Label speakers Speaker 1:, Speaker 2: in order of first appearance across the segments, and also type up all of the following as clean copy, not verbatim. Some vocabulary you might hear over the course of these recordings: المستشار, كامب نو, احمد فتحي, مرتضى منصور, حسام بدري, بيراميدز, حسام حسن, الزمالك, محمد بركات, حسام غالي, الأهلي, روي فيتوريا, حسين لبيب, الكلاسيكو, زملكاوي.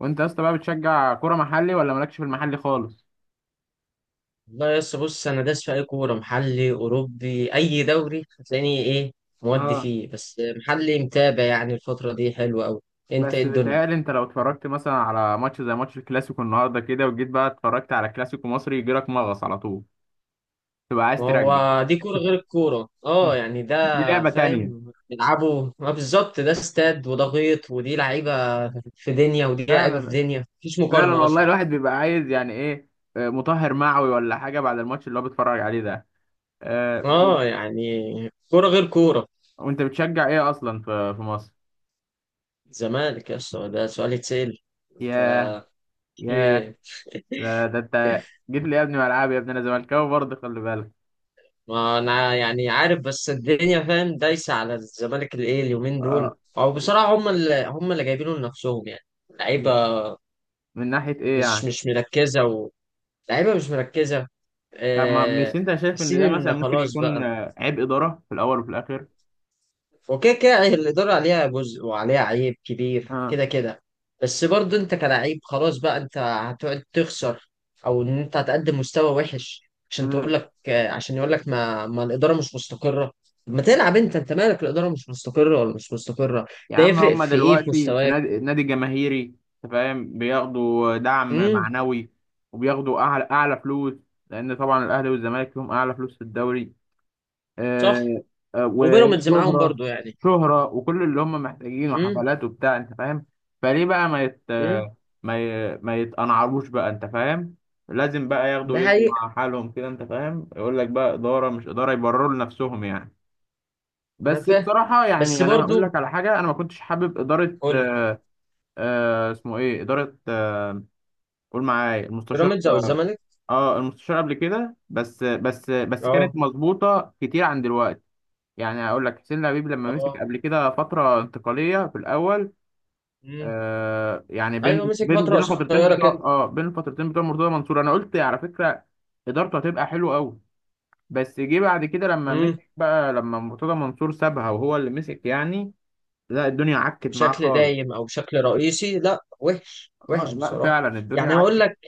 Speaker 1: وانت يا اسطى بقى بتشجع كوره محلي ولا مالكش في المحلي خالص؟
Speaker 2: والله يا اسطى، بص، انا داس في اي كوره محلي اوروبي اي دوري هتلاقيني. ايه مودي
Speaker 1: اه،
Speaker 2: فيه، بس محلي متابع يعني الفتره دي حلوه قوي. انت إيه
Speaker 1: بس
Speaker 2: الدنيا؟
Speaker 1: بيتهيألي انت لو اتفرجت مثلا على ماتش زي ماتش الكلاسيكو النهارده كده وجيت بقى اتفرجت على كلاسيكو مصري يجيلك مغص على طول، تبقى عايز
Speaker 2: ما
Speaker 1: ترجع.
Speaker 2: هو دي كوره غير الكوره، اه يعني ده.
Speaker 1: دي لعبة تانية.
Speaker 2: فاهم بيلعبوا ما بالظبط؟ ده استاد وده غيط، ودي لعيبه في دنيا ودي لعيبه في
Speaker 1: فعلا،
Speaker 2: دنيا، مفيش
Speaker 1: فعلا
Speaker 2: مقارنه
Speaker 1: والله،
Speaker 2: اصلا.
Speaker 1: الواحد بيبقى عايز يعني ايه، مطهر معوي ولا حاجة بعد الماتش اللي هو بيتفرج عليه ده. طب،
Speaker 2: اه يعني، كوره غير كوره.
Speaker 1: وانت بتشجع ايه اصلا في مصر؟
Speaker 2: زمالك يا اسطى، ده سؤال يتسأل؟ ف
Speaker 1: ياه، ياه، ده انت جيت لي يا ابني ملعب يا ابني، انا زملكاوي برضه، خلي بالك.
Speaker 2: ما انا يعني عارف، بس الدنيا فاهم دايسه على الزمالك الايه اليومين دول.
Speaker 1: اه،
Speaker 2: او بصراحه، هم اللي جايبينه لنفسهم يعني. لعيبه
Speaker 1: من ناحية إيه
Speaker 2: مش
Speaker 1: يعني؟
Speaker 2: مش مركزه. لعيبه مش مركزه.
Speaker 1: طب، ما مش
Speaker 2: آه،
Speaker 1: أنت شايف إن
Speaker 2: حاسين
Speaker 1: ده مثلا
Speaker 2: ان
Speaker 1: ممكن
Speaker 2: خلاص
Speaker 1: يكون
Speaker 2: بقى.
Speaker 1: عيب إدارة في الأول وفي الآخر؟
Speaker 2: وكده كده الإدارة عليها جزء وعليها عيب كبير
Speaker 1: آه.
Speaker 2: كده كده. بس برضه أنت كلاعب، خلاص بقى أنت هتقعد تخسر أو إن أنت هتقدم مستوى وحش عشان
Speaker 1: مم.
Speaker 2: تقول لك عشان يقول لك ما الإدارة مش مستقرة. طب ما تلعب، أنت مالك الإدارة مش مستقرة ولا مش مستقرة؟
Speaker 1: يا
Speaker 2: ده
Speaker 1: عم
Speaker 2: يفرق
Speaker 1: هما
Speaker 2: في إيه في
Speaker 1: دلوقتي في
Speaker 2: مستواك؟
Speaker 1: نادي جماهيري، أنت فاهم، بياخدوا دعم
Speaker 2: امم.
Speaker 1: معنوي وبياخدوا أعلى فلوس، لأن طبعا الأهلي والزمالك لهم أعلى فلوس في الدوري.
Speaker 2: صح.
Speaker 1: آه،
Speaker 2: وبيراميدز معاهم
Speaker 1: وشهرة،
Speaker 2: برضه يعني.
Speaker 1: شهرة وكل اللي هم محتاجينه،
Speaker 2: امم.
Speaker 1: حفلات وبتاع، انت فاهم. فليه بقى ما يت،
Speaker 2: امم.
Speaker 1: ما يتقنعروش بقى، انت فاهم؟ لازم بقى ياخدوا
Speaker 2: ده
Speaker 1: ويدوا
Speaker 2: حقيقة.
Speaker 1: مع حالهم كده، انت فاهم، يقول لك بقى إدارة مش إدارة، يبرروا لنفسهم يعني.
Speaker 2: أنا
Speaker 1: بس
Speaker 2: فاهم
Speaker 1: بصراحة
Speaker 2: بس
Speaker 1: يعني أنا هقول
Speaker 2: برضه،
Speaker 1: لك على حاجة، أنا ما كنتش حابب إدارة،
Speaker 2: قول لي،
Speaker 1: آه اسمه إيه إدارة قول معايا،
Speaker 2: بيراميدز أو
Speaker 1: المستشار.
Speaker 2: الزمالك؟
Speaker 1: آه المستشار قبل كده، بس
Speaker 2: أه.
Speaker 1: كانت مظبوطة كتير عن دلوقتي. يعني اقول لك، حسين لبيب لما مسك
Speaker 2: أه.
Speaker 1: قبل كده فتره انتقاليه في الاول،
Speaker 2: مم.
Speaker 1: آه يعني
Speaker 2: ايوه،
Speaker 1: بين
Speaker 2: مسك
Speaker 1: بين
Speaker 2: فتره
Speaker 1: بين الفترتين
Speaker 2: قصيره
Speaker 1: بتوع،
Speaker 2: كده.
Speaker 1: اه بين الفترتين بتوع مرتضى منصور، انا قلت على فكره ادارته هتبقى حلوه قوي. بس جه بعد كده لما
Speaker 2: امم.
Speaker 1: مسك بقى، لما مرتضى منصور سابها وهو اللي مسك يعني، لا الدنيا عكت معاه
Speaker 2: بشكل
Speaker 1: خالص.
Speaker 2: دايم او بشكل رئيسي، لا وحش وحش
Speaker 1: آه لا
Speaker 2: بصراحه.
Speaker 1: فعلا الدنيا
Speaker 2: يعني هقول
Speaker 1: عكت.
Speaker 2: لك،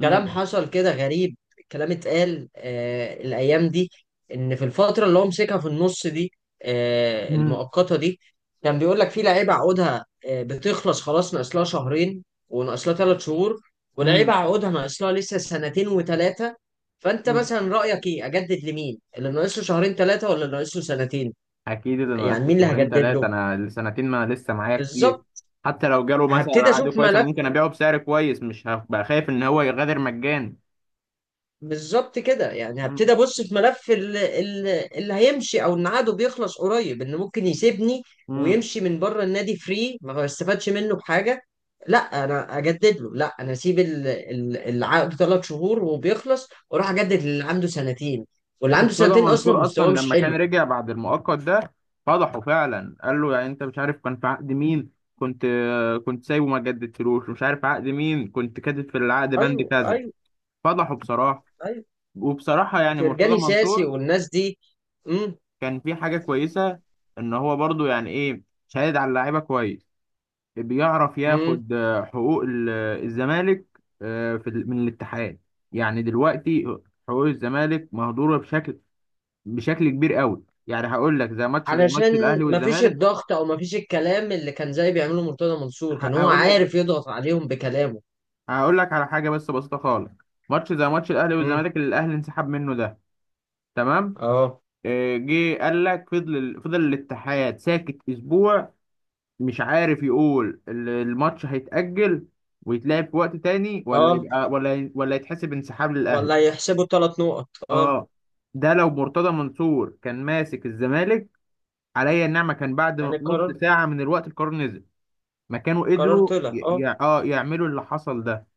Speaker 2: كلام حصل كده غريب. كلام اتقال الايام دي، ان في الفتره اللي هو مسكها في النص دي، المؤقته دي، كان بيقول لك في لعيبه عقودها بتخلص خلاص، ناقص لها شهرين، وناقص لها ثلاث شهور، ولعيبه
Speaker 1: امم.
Speaker 2: عقودها ناقص لها لسه سنتين وثلاثه. فانت مثلا رايك ايه، اجدد لمين؟ اللي ناقص له شهرين ثلاثه ولا اللي ناقص له سنتين؟
Speaker 1: اكيد اللي ناقص
Speaker 2: يعني
Speaker 1: لي
Speaker 2: مين اللي
Speaker 1: شهرين
Speaker 2: هجدد
Speaker 1: ثلاثه،
Speaker 2: له؟
Speaker 1: انا السنتين ما لسه معايا كتير.
Speaker 2: بالظبط.
Speaker 1: حتى لو جاله مثلا
Speaker 2: هبتدي
Speaker 1: عقد
Speaker 2: اشوف
Speaker 1: كويس، انا
Speaker 2: ملف،
Speaker 1: ممكن ابيعه بسعر كويس، مش هبقى خايف ان هو يغادر مجاني.
Speaker 2: بالظبط كده. يعني
Speaker 1: مم.
Speaker 2: هبتدي ابص في ملف اللي هيمشي او ان عقده بيخلص قريب، ان ممكن يسيبني
Speaker 1: مم.
Speaker 2: ويمشي من بره النادي فري، ما استفادش منه بحاجه. لا انا اجدد له؟ لا، انا اسيب العقد ثلاث شهور وبيخلص، واروح اجدد للي عنده سنتين، واللي عنده
Speaker 1: مرتضى
Speaker 2: سنتين اصلا
Speaker 1: منصور اصلا
Speaker 2: مستواه مش
Speaker 1: لما كان
Speaker 2: حلو.
Speaker 1: رجع بعد المؤقت ده، فضحه فعلا، قال له يعني انت مش عارف كان في عقد مين، كنت كنت سايبه ما جددتلوش، مش عارف عقد مين، كنت كاتب في العقد بند
Speaker 2: ايوه،
Speaker 1: كذا.
Speaker 2: ايوه،
Speaker 1: فضحه بصراحه.
Speaker 2: ايوه،
Speaker 1: وبصراحه يعني مرتضى
Speaker 2: فرجاني ساسي
Speaker 1: منصور
Speaker 2: والناس دي.
Speaker 1: كان في حاجه كويسه، ان هو برضو يعني ايه، شهد على اللعيبه كويس، بيعرف
Speaker 2: امم.
Speaker 1: ياخد حقوق الزمالك في من الاتحاد. يعني دلوقتي حقوق الزمالك مهدورة بشكل كبير قوي، يعني هقول لك زي ماتش، زي ماتش
Speaker 2: علشان
Speaker 1: الاهلي
Speaker 2: مفيش
Speaker 1: والزمالك.
Speaker 2: الضغط، او مفيش الكلام اللي كان زي بيعمله مرتضى منصور، كان هو
Speaker 1: هقول لك،
Speaker 2: عارف يضغط عليهم بكلامه.
Speaker 1: هقول لك على حاجة بس بسيطة خالص، ماتش زي ماتش الاهلي
Speaker 2: امم.
Speaker 1: والزمالك اللي الاهلي انسحب منه ده، تمام،
Speaker 2: اه.
Speaker 1: جه قال لك، فضل الاتحاد ساكت اسبوع مش عارف يقول الماتش هيتأجل ويتلعب في وقت تاني، ولا
Speaker 2: اه،
Speaker 1: يبقى ولا يتحسب انسحاب للاهلي.
Speaker 2: ولا يحسبوا ثلاث نقط، اه.
Speaker 1: اه، ده لو مرتضى منصور كان ماسك الزمالك، عليا النعمه كان بعد
Speaker 2: يعني
Speaker 1: نص
Speaker 2: القرار،
Speaker 1: ساعه من الوقت القرار نزل، ما كانوا
Speaker 2: قرار
Speaker 1: قدروا
Speaker 2: طلع
Speaker 1: ي...
Speaker 2: اه.
Speaker 1: ي... اه يعملوا اللي حصل ده.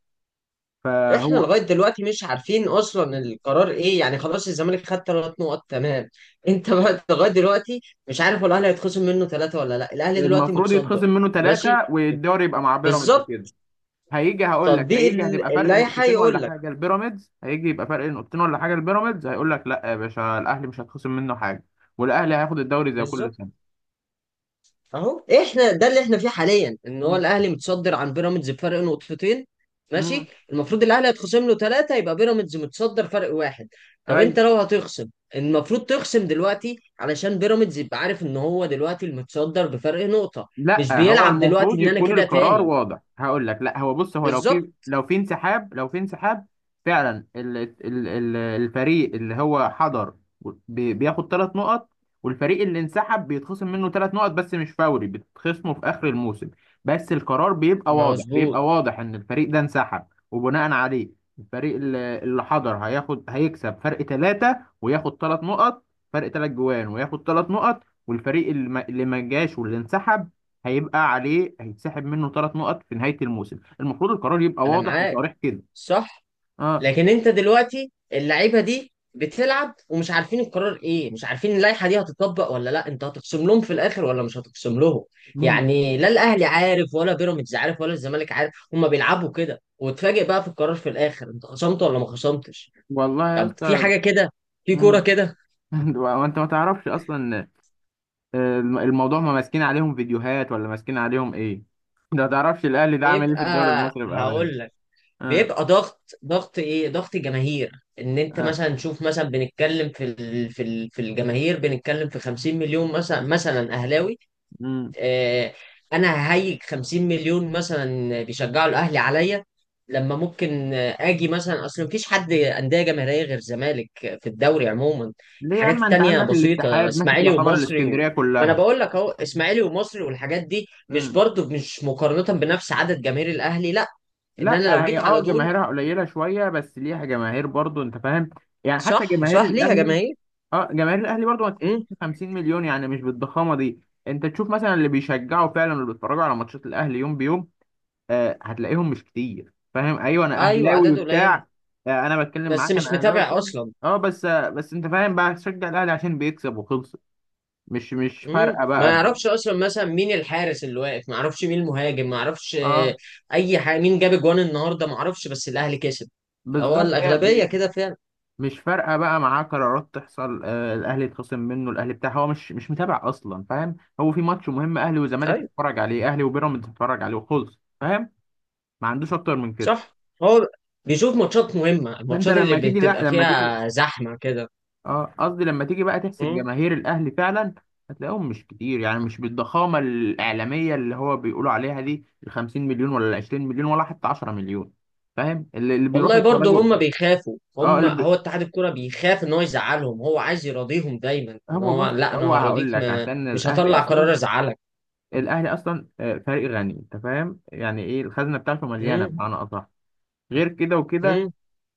Speaker 2: احنا
Speaker 1: فهو
Speaker 2: لغايه دلوقتي مش عارفين اصلا القرار ايه، يعني خلاص الزمالك خد ثلاث نقط تمام؟ انت بقى لغايه دلوقتي مش عارف هو الاهلي هيتخصم منه ثلاثه ولا لا، الاهلي دلوقتي
Speaker 1: المفروض
Speaker 2: متصدر.
Speaker 1: يتخصم منه ثلاثه
Speaker 2: ماشي.
Speaker 1: والدوري يبقى مع بيراميدز
Speaker 2: بالظبط.
Speaker 1: كده. هيجي، هقول لك،
Speaker 2: تطبيق
Speaker 1: هيجي هتبقى فرق
Speaker 2: اللائحه
Speaker 1: نقطتين ولا
Speaker 2: يقول لك.
Speaker 1: حاجه، البيراميدز هيجي يبقى فرق نقطتين ولا حاجه، البيراميدز هيقول لك لا يا باشا، الاهلي مش هتخصم منه حاجه، والاهلي هياخد الدوري زي كل
Speaker 2: بالظبط،
Speaker 1: سنه.
Speaker 2: اهو احنا ده اللي احنا فيه حاليا، ان هو
Speaker 1: امم.
Speaker 2: الاهلي متصدر عن بيراميدز بفرق نقطتين.
Speaker 1: امم.
Speaker 2: ماشي، المفروض الاهلي هيتخصم له ثلاثه، يبقى بيراميدز متصدر فرق واحد. طب انت لو هتخصم، المفروض تخصم دلوقتي علشان بيراميدز يبقى عارف ان هو دلوقتي المتصدر بفرق نقطه. مش
Speaker 1: لا هو
Speaker 2: بيلعب دلوقتي
Speaker 1: المفروض
Speaker 2: ان انا
Speaker 1: يكون
Speaker 2: كده
Speaker 1: القرار
Speaker 2: تاني.
Speaker 1: واضح، هقول لك لا هو بص، هو لو
Speaker 2: بالظبط.
Speaker 1: في، لو في انسحاب، فعلا ال الفريق اللي هو حضر بياخد ثلاث نقط، والفريق اللي انسحب بيتخصم منه ثلاث نقط، بس مش فوري، بتتخصمه في اخر الموسم. بس القرار بيبقى واضح،
Speaker 2: مظبوط.
Speaker 1: بيبقى واضح ان الفريق ده انسحب، وبناء عليه الفريق اللي حضر هياخد، هيكسب فرق ثلاثة وياخد ثلاث نقط، فرق ثلاث جوان وياخد ثلاث نقط، والفريق اللي ما جاش واللي انسحب هيبقى عليه، هيتسحب منه ثلاث نقط في نهاية الموسم. المفروض القرار يبقى
Speaker 2: انا
Speaker 1: واضح
Speaker 2: معاك.
Speaker 1: وصريح كده.
Speaker 2: صح.
Speaker 1: اه.
Speaker 2: لكن انت دلوقتي اللعيبه دي بتلعب ومش عارفين القرار ايه، مش عارفين اللائحه دي هتطبق ولا لا، انت هتخصم لهم في الاخر ولا مش هتخصم لهم؟
Speaker 1: مم.
Speaker 2: يعني لا الاهلي عارف ولا بيراميدز عارف ولا الزمالك عارف، هما بيلعبوا كده، وتفاجئ بقى في القرار في الاخر انت خصمت ولا ما خصمتش.
Speaker 1: والله يا
Speaker 2: طب في
Speaker 1: اسطى.
Speaker 2: حاجه كده؟ في كوره
Speaker 1: مم.
Speaker 2: كده؟
Speaker 1: وانت ما تعرفش اصلا، الموضوع ما ماسكين عليهم فيديوهات ولا ماسكين عليهم ايه؟ ده ما تعرفش الاهلي ده عامل ايه في
Speaker 2: بيبقى،
Speaker 1: الدوري المصري بامان.
Speaker 2: هقول لك،
Speaker 1: اه.
Speaker 2: بيبقى ضغط، ضغط ايه، ضغط جماهير. ان انت
Speaker 1: اه.
Speaker 2: مثلا شوف، مثلا بنتكلم في الجماهير، بنتكلم في 50 مليون مثلا اهلاوي.
Speaker 1: مم.
Speaker 2: آه، انا ههيج 50 مليون مثلا بيشجعوا الاهلي عليا، لما ممكن اجي مثلا. اصل مفيش حد انديه جماهيريه غير الزمالك في الدوري عموما.
Speaker 1: ليه يا
Speaker 2: الحاجات
Speaker 1: اما انت
Speaker 2: التانية
Speaker 1: عندك
Speaker 2: بسيطه،
Speaker 1: الاتحاد ماسك
Speaker 2: اسماعيلي
Speaker 1: يعتبر
Speaker 2: ومصري.
Speaker 1: الاسكندرية
Speaker 2: ما انا
Speaker 1: كلها.
Speaker 2: بقول لك اهو، اسماعيلي ومصري والحاجات دي مش
Speaker 1: مم.
Speaker 2: برضو مش مقارنه بنفس عدد جماهير الاهلي، لا. ان
Speaker 1: لا
Speaker 2: انا لو
Speaker 1: هي
Speaker 2: جيت
Speaker 1: اه
Speaker 2: على دول.
Speaker 1: جماهيرها قليلة شوية، بس ليها جماهير برضو انت فاهم، يعني حتى
Speaker 2: صح،
Speaker 1: جماهير
Speaker 2: صح، ليها
Speaker 1: الاهلي،
Speaker 2: جماهير.
Speaker 1: اه جماهير الاهلي برضو ما تحسبش
Speaker 2: امم.
Speaker 1: 50 مليون، يعني مش بالضخامه دي. انت تشوف مثلا اللي بيشجعوا فعلا، اللي بيتفرجوا على ماتشات الاهلي يوم بيوم، آه هتلاقيهم مش كتير، فاهم؟ ايوه انا
Speaker 2: ايوه،
Speaker 1: اهلاوي
Speaker 2: اعداد قليله،
Speaker 1: وبتاع، آه انا بتكلم
Speaker 2: بس
Speaker 1: معاك،
Speaker 2: مش
Speaker 1: انا اهلاوي وبتاع،
Speaker 2: متابع اصلا.
Speaker 1: اه بس آه بس انت فاهم بقى، تشجع الاهلي عشان بيكسب وخلص. مش
Speaker 2: مم.
Speaker 1: فارقه
Speaker 2: ما
Speaker 1: بقى ده.
Speaker 2: يعرفش اصلا مثلا مين الحارس اللي واقف، ما يعرفش مين المهاجم، ما يعرفش
Speaker 1: اه،
Speaker 2: اي حاجه. مين جاب جوان النهارده ما يعرفش، بس الاهلي كسب. هو
Speaker 1: بالظبط،
Speaker 2: الاغلبيه كده فعلا.
Speaker 1: مش فارقه بقى معاه قرارات تحصل، آه الاهلي يتخصم منه، الاهلي بتاع هو مش متابع اصلا فاهم، هو في ماتش مهم اهلي وزمالك
Speaker 2: ايوه.
Speaker 1: بيتفرج عليه، اهلي وبيراميدز بيتفرج عليه وخلص، ما عندوش اكتر من كده.
Speaker 2: صح. هو بيشوف ماتشات مهمه،
Speaker 1: فانت
Speaker 2: الماتشات اللي
Speaker 1: لما تيجي، لا
Speaker 2: بتبقى
Speaker 1: لما تيجي
Speaker 2: فيها زحمه كده.
Speaker 1: اه قصدي لما تيجي بقى تحسب
Speaker 2: مم.
Speaker 1: جماهير الاهلي فعلا، هتلاقيهم مش كتير، يعني مش بالضخامه الاعلاميه اللي هو بيقولوا عليها دي، ال 50 مليون ولا ال 20 مليون ولا حتى 10 مليون، فاهم اللي بيروحوا
Speaker 2: والله برضه
Speaker 1: يتفرجوا.
Speaker 2: هم بيخافوا،
Speaker 1: اه
Speaker 2: هم هو اتحاد الكوره بيخاف ان هو يزعلهم، هو عايز يراضيهم دايما، ان
Speaker 1: هو
Speaker 2: هو
Speaker 1: بص،
Speaker 2: لا انا
Speaker 1: هو هقول
Speaker 2: هراضيك،
Speaker 1: لك
Speaker 2: ما
Speaker 1: عشان
Speaker 2: مش
Speaker 1: الاهلي
Speaker 2: هطلع قرار
Speaker 1: اصلا،
Speaker 2: ازعلك.
Speaker 1: الاهلي اصلا فريق غني، انت فاهم يعني ايه، الخزنه بتاعته مليانه
Speaker 2: مم.
Speaker 1: بمعنى اصح، غير كده وكده
Speaker 2: مم.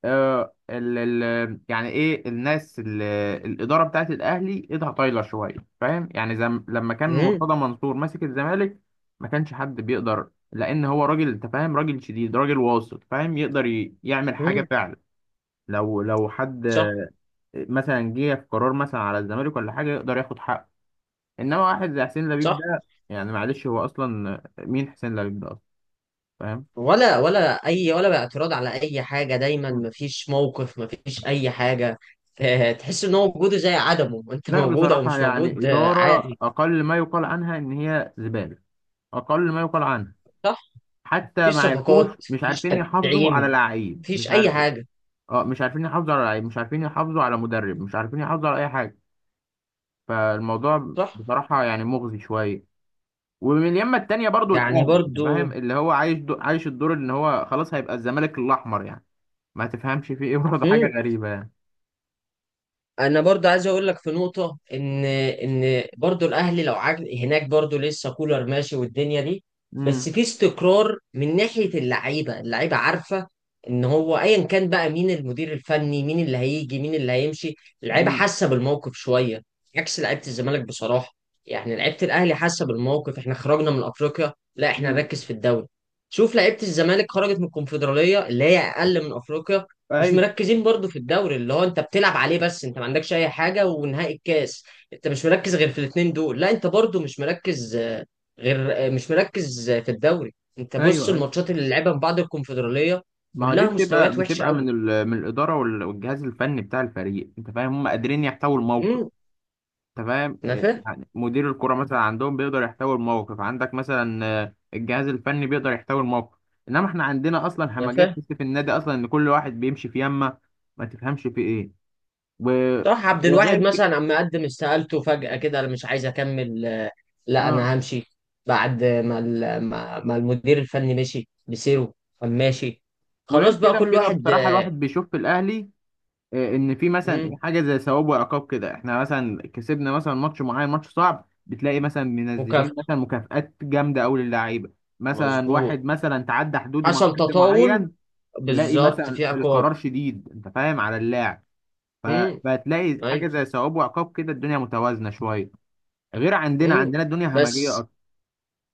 Speaker 1: آه، ال ال يعني ايه، الاداره بتاعت الاهلي ايدها طايله شويه فاهم، يعني زم لما كان
Speaker 2: مم.
Speaker 1: مرتضى منصور ماسك الزمالك ما كانش حد بيقدر، لان هو راجل انت فاهم، راجل شديد راجل واثق فاهم، يقدر يعمل حاجه
Speaker 2: مم.
Speaker 1: فعلا، لو حد
Speaker 2: صح،
Speaker 1: مثلا جه في قرار مثلا على الزمالك ولا حاجه، يقدر ياخد حقه. انما واحد زي حسين لبيب
Speaker 2: صح،
Speaker 1: ده، يعني معلش، هو اصلا مين حسين لبيب ده اصلا فاهم؟
Speaker 2: ولا اي ولا بقى اعتراض على اي حاجه، دايما مفيش موقف، مفيش اي حاجه. تحس ان هو وجوده زي عدمه، انت
Speaker 1: لا
Speaker 2: موجود او
Speaker 1: بصراحه
Speaker 2: مش
Speaker 1: يعني
Speaker 2: موجود
Speaker 1: اداره
Speaker 2: عادي.
Speaker 1: اقل ما يقال عنها ان هي زباله، اقل ما يقال عنه.
Speaker 2: صح.
Speaker 1: حتى
Speaker 2: مفيش
Speaker 1: مع الكوش
Speaker 2: صفقات،
Speaker 1: مش
Speaker 2: مفيش
Speaker 1: عارفين يحافظوا على
Speaker 2: تدعيم،
Speaker 1: لعيب، مش
Speaker 2: مفيش اي
Speaker 1: عارفين،
Speaker 2: حاجه.
Speaker 1: اه مش عارفين يحافظوا على لعيب، مش عارفين يحافظوا على مدرب، مش عارفين يحافظوا على اي حاجه. فالموضوع
Speaker 2: صح.
Speaker 1: بصراحه يعني مغزي شويه. ومن اليمه التانيه برضو
Speaker 2: يعني
Speaker 1: الاهلي، انت
Speaker 2: برضو.
Speaker 1: فاهم، اللي هو عايش عايش الدور ان هو خلاص هيبقى الزمالك الاحمر يعني، ما تفهمش فيه ايه برضه، حاجه
Speaker 2: مم.
Speaker 1: غريبه يعني.
Speaker 2: انا برضو عايز اقول لك في نقطه، ان برضو الاهلي لو عجل هناك، برضو لسه كولر ماشي والدنيا دي.
Speaker 1: امم.
Speaker 2: بس في استقرار من ناحيه اللعيبه عارفه ان هو ايا كان بقى مين المدير الفني، مين اللي هيجي، مين اللي هيمشي، اللعيبه
Speaker 1: امم.
Speaker 2: حاسه بالموقف شويه. عكس لعيبه الزمالك بصراحه. يعني لعيبه الاهلي حاسه بالموقف، احنا خرجنا من افريقيا، لا احنا
Speaker 1: امم.
Speaker 2: نركز في الدوري. شوف لعيبه الزمالك، خرجت من الكونفدراليه اللي هي اقل من افريقيا، مش
Speaker 1: ايوه.
Speaker 2: مركزين برضو في الدوري اللي هو انت بتلعب عليه، بس انت ما عندكش اي حاجه ونهائي الكاس. انت مش مركز غير في الاثنين دول، لا انت برضو مش مركز غير مش مركز في الدوري. انت بص
Speaker 1: ايوه. ايوه.
Speaker 2: الماتشات اللي لعبها من بعد الكونفدراليه،
Speaker 1: ما هو دي
Speaker 2: كلها
Speaker 1: بتبقى،
Speaker 2: مستويات وحشه قوي.
Speaker 1: من الاداره والجهاز الفني بتاع الفريق، انت فاهم، هم قادرين يحتووا الموقف.
Speaker 2: امم.
Speaker 1: تمام،
Speaker 2: انا فاهم.
Speaker 1: يعني مدير الكرة مثلا عندهم بيقدر يحتوي الموقف، عندك مثلا الجهاز الفني بيقدر يحتوي الموقف. انما احنا عندنا اصلا
Speaker 2: انا
Speaker 1: همجات،
Speaker 2: فاهم.
Speaker 1: تحس في النادي اصلا ان كل واحد بيمشي في يمه، ما تفهمش في ايه، و...
Speaker 2: طه عبد
Speaker 1: وغير
Speaker 2: الواحد
Speaker 1: ك...
Speaker 2: مثلا عم يقدم استقالته فجاه كده، انا مش عايز اكمل. لا
Speaker 1: آه.
Speaker 2: انا همشي. بعد ما ما المدير الفني مشي بسيره، قام ماشي.
Speaker 1: وغير
Speaker 2: خلاص بقى
Speaker 1: كده
Speaker 2: كل
Speaker 1: وكده
Speaker 2: واحد.
Speaker 1: بصراحة الواحد بيشوف في الاهلي ان في
Speaker 2: مم،
Speaker 1: مثلا حاجة زي ثواب وعقاب كده، احنا مثلا كسبنا مثلا ماتش معين، ماتش صعب، بتلاقي مثلا
Speaker 2: مكافأة.
Speaker 1: منزلين مثلا مكافآت جامدة قوي للعيبة، مثلا واحد
Speaker 2: مظبوط،
Speaker 1: مثلا تعدى حدوده مع
Speaker 2: حصل
Speaker 1: حد
Speaker 2: تطاول،
Speaker 1: معين، تلاقي
Speaker 2: بالظبط،
Speaker 1: مثلا
Speaker 2: في عقاب.
Speaker 1: القرار شديد انت فاهم على اللاعب،
Speaker 2: امم.
Speaker 1: فبتلاقي حاجه
Speaker 2: ايوه.
Speaker 1: زي ثواب وعقاب كده، الدنيا متوازنه شويه. غير عندنا،
Speaker 2: امم.
Speaker 1: عندنا الدنيا همجيه
Speaker 2: بس،
Speaker 1: اكتر.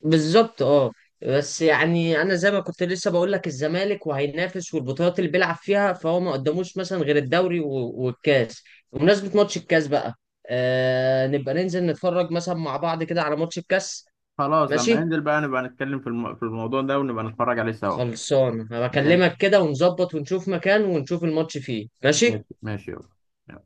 Speaker 2: بالظبط اه. بس يعني انا زي ما كنت لسه بقول لك، الزمالك وهينافس والبطولات اللي بيلعب فيها، فهو ما قدموش مثلا غير الدوري والكاس. بمناسبة ماتش الكاس بقى، آه نبقى ننزل نتفرج مثلا مع بعض كده على ماتش الكاس.
Speaker 1: خلاص، لما
Speaker 2: ماشي.
Speaker 1: ننزل بقى نبقى نتكلم في في الموضوع ده ونبقى نتفرج عليه سوا.
Speaker 2: خلصان،
Speaker 1: ماشي،
Speaker 2: هبكلمك كده ونظبط ونشوف مكان ونشوف الماتش فيه. ماشي.
Speaker 1: ماشي ماشي يلا.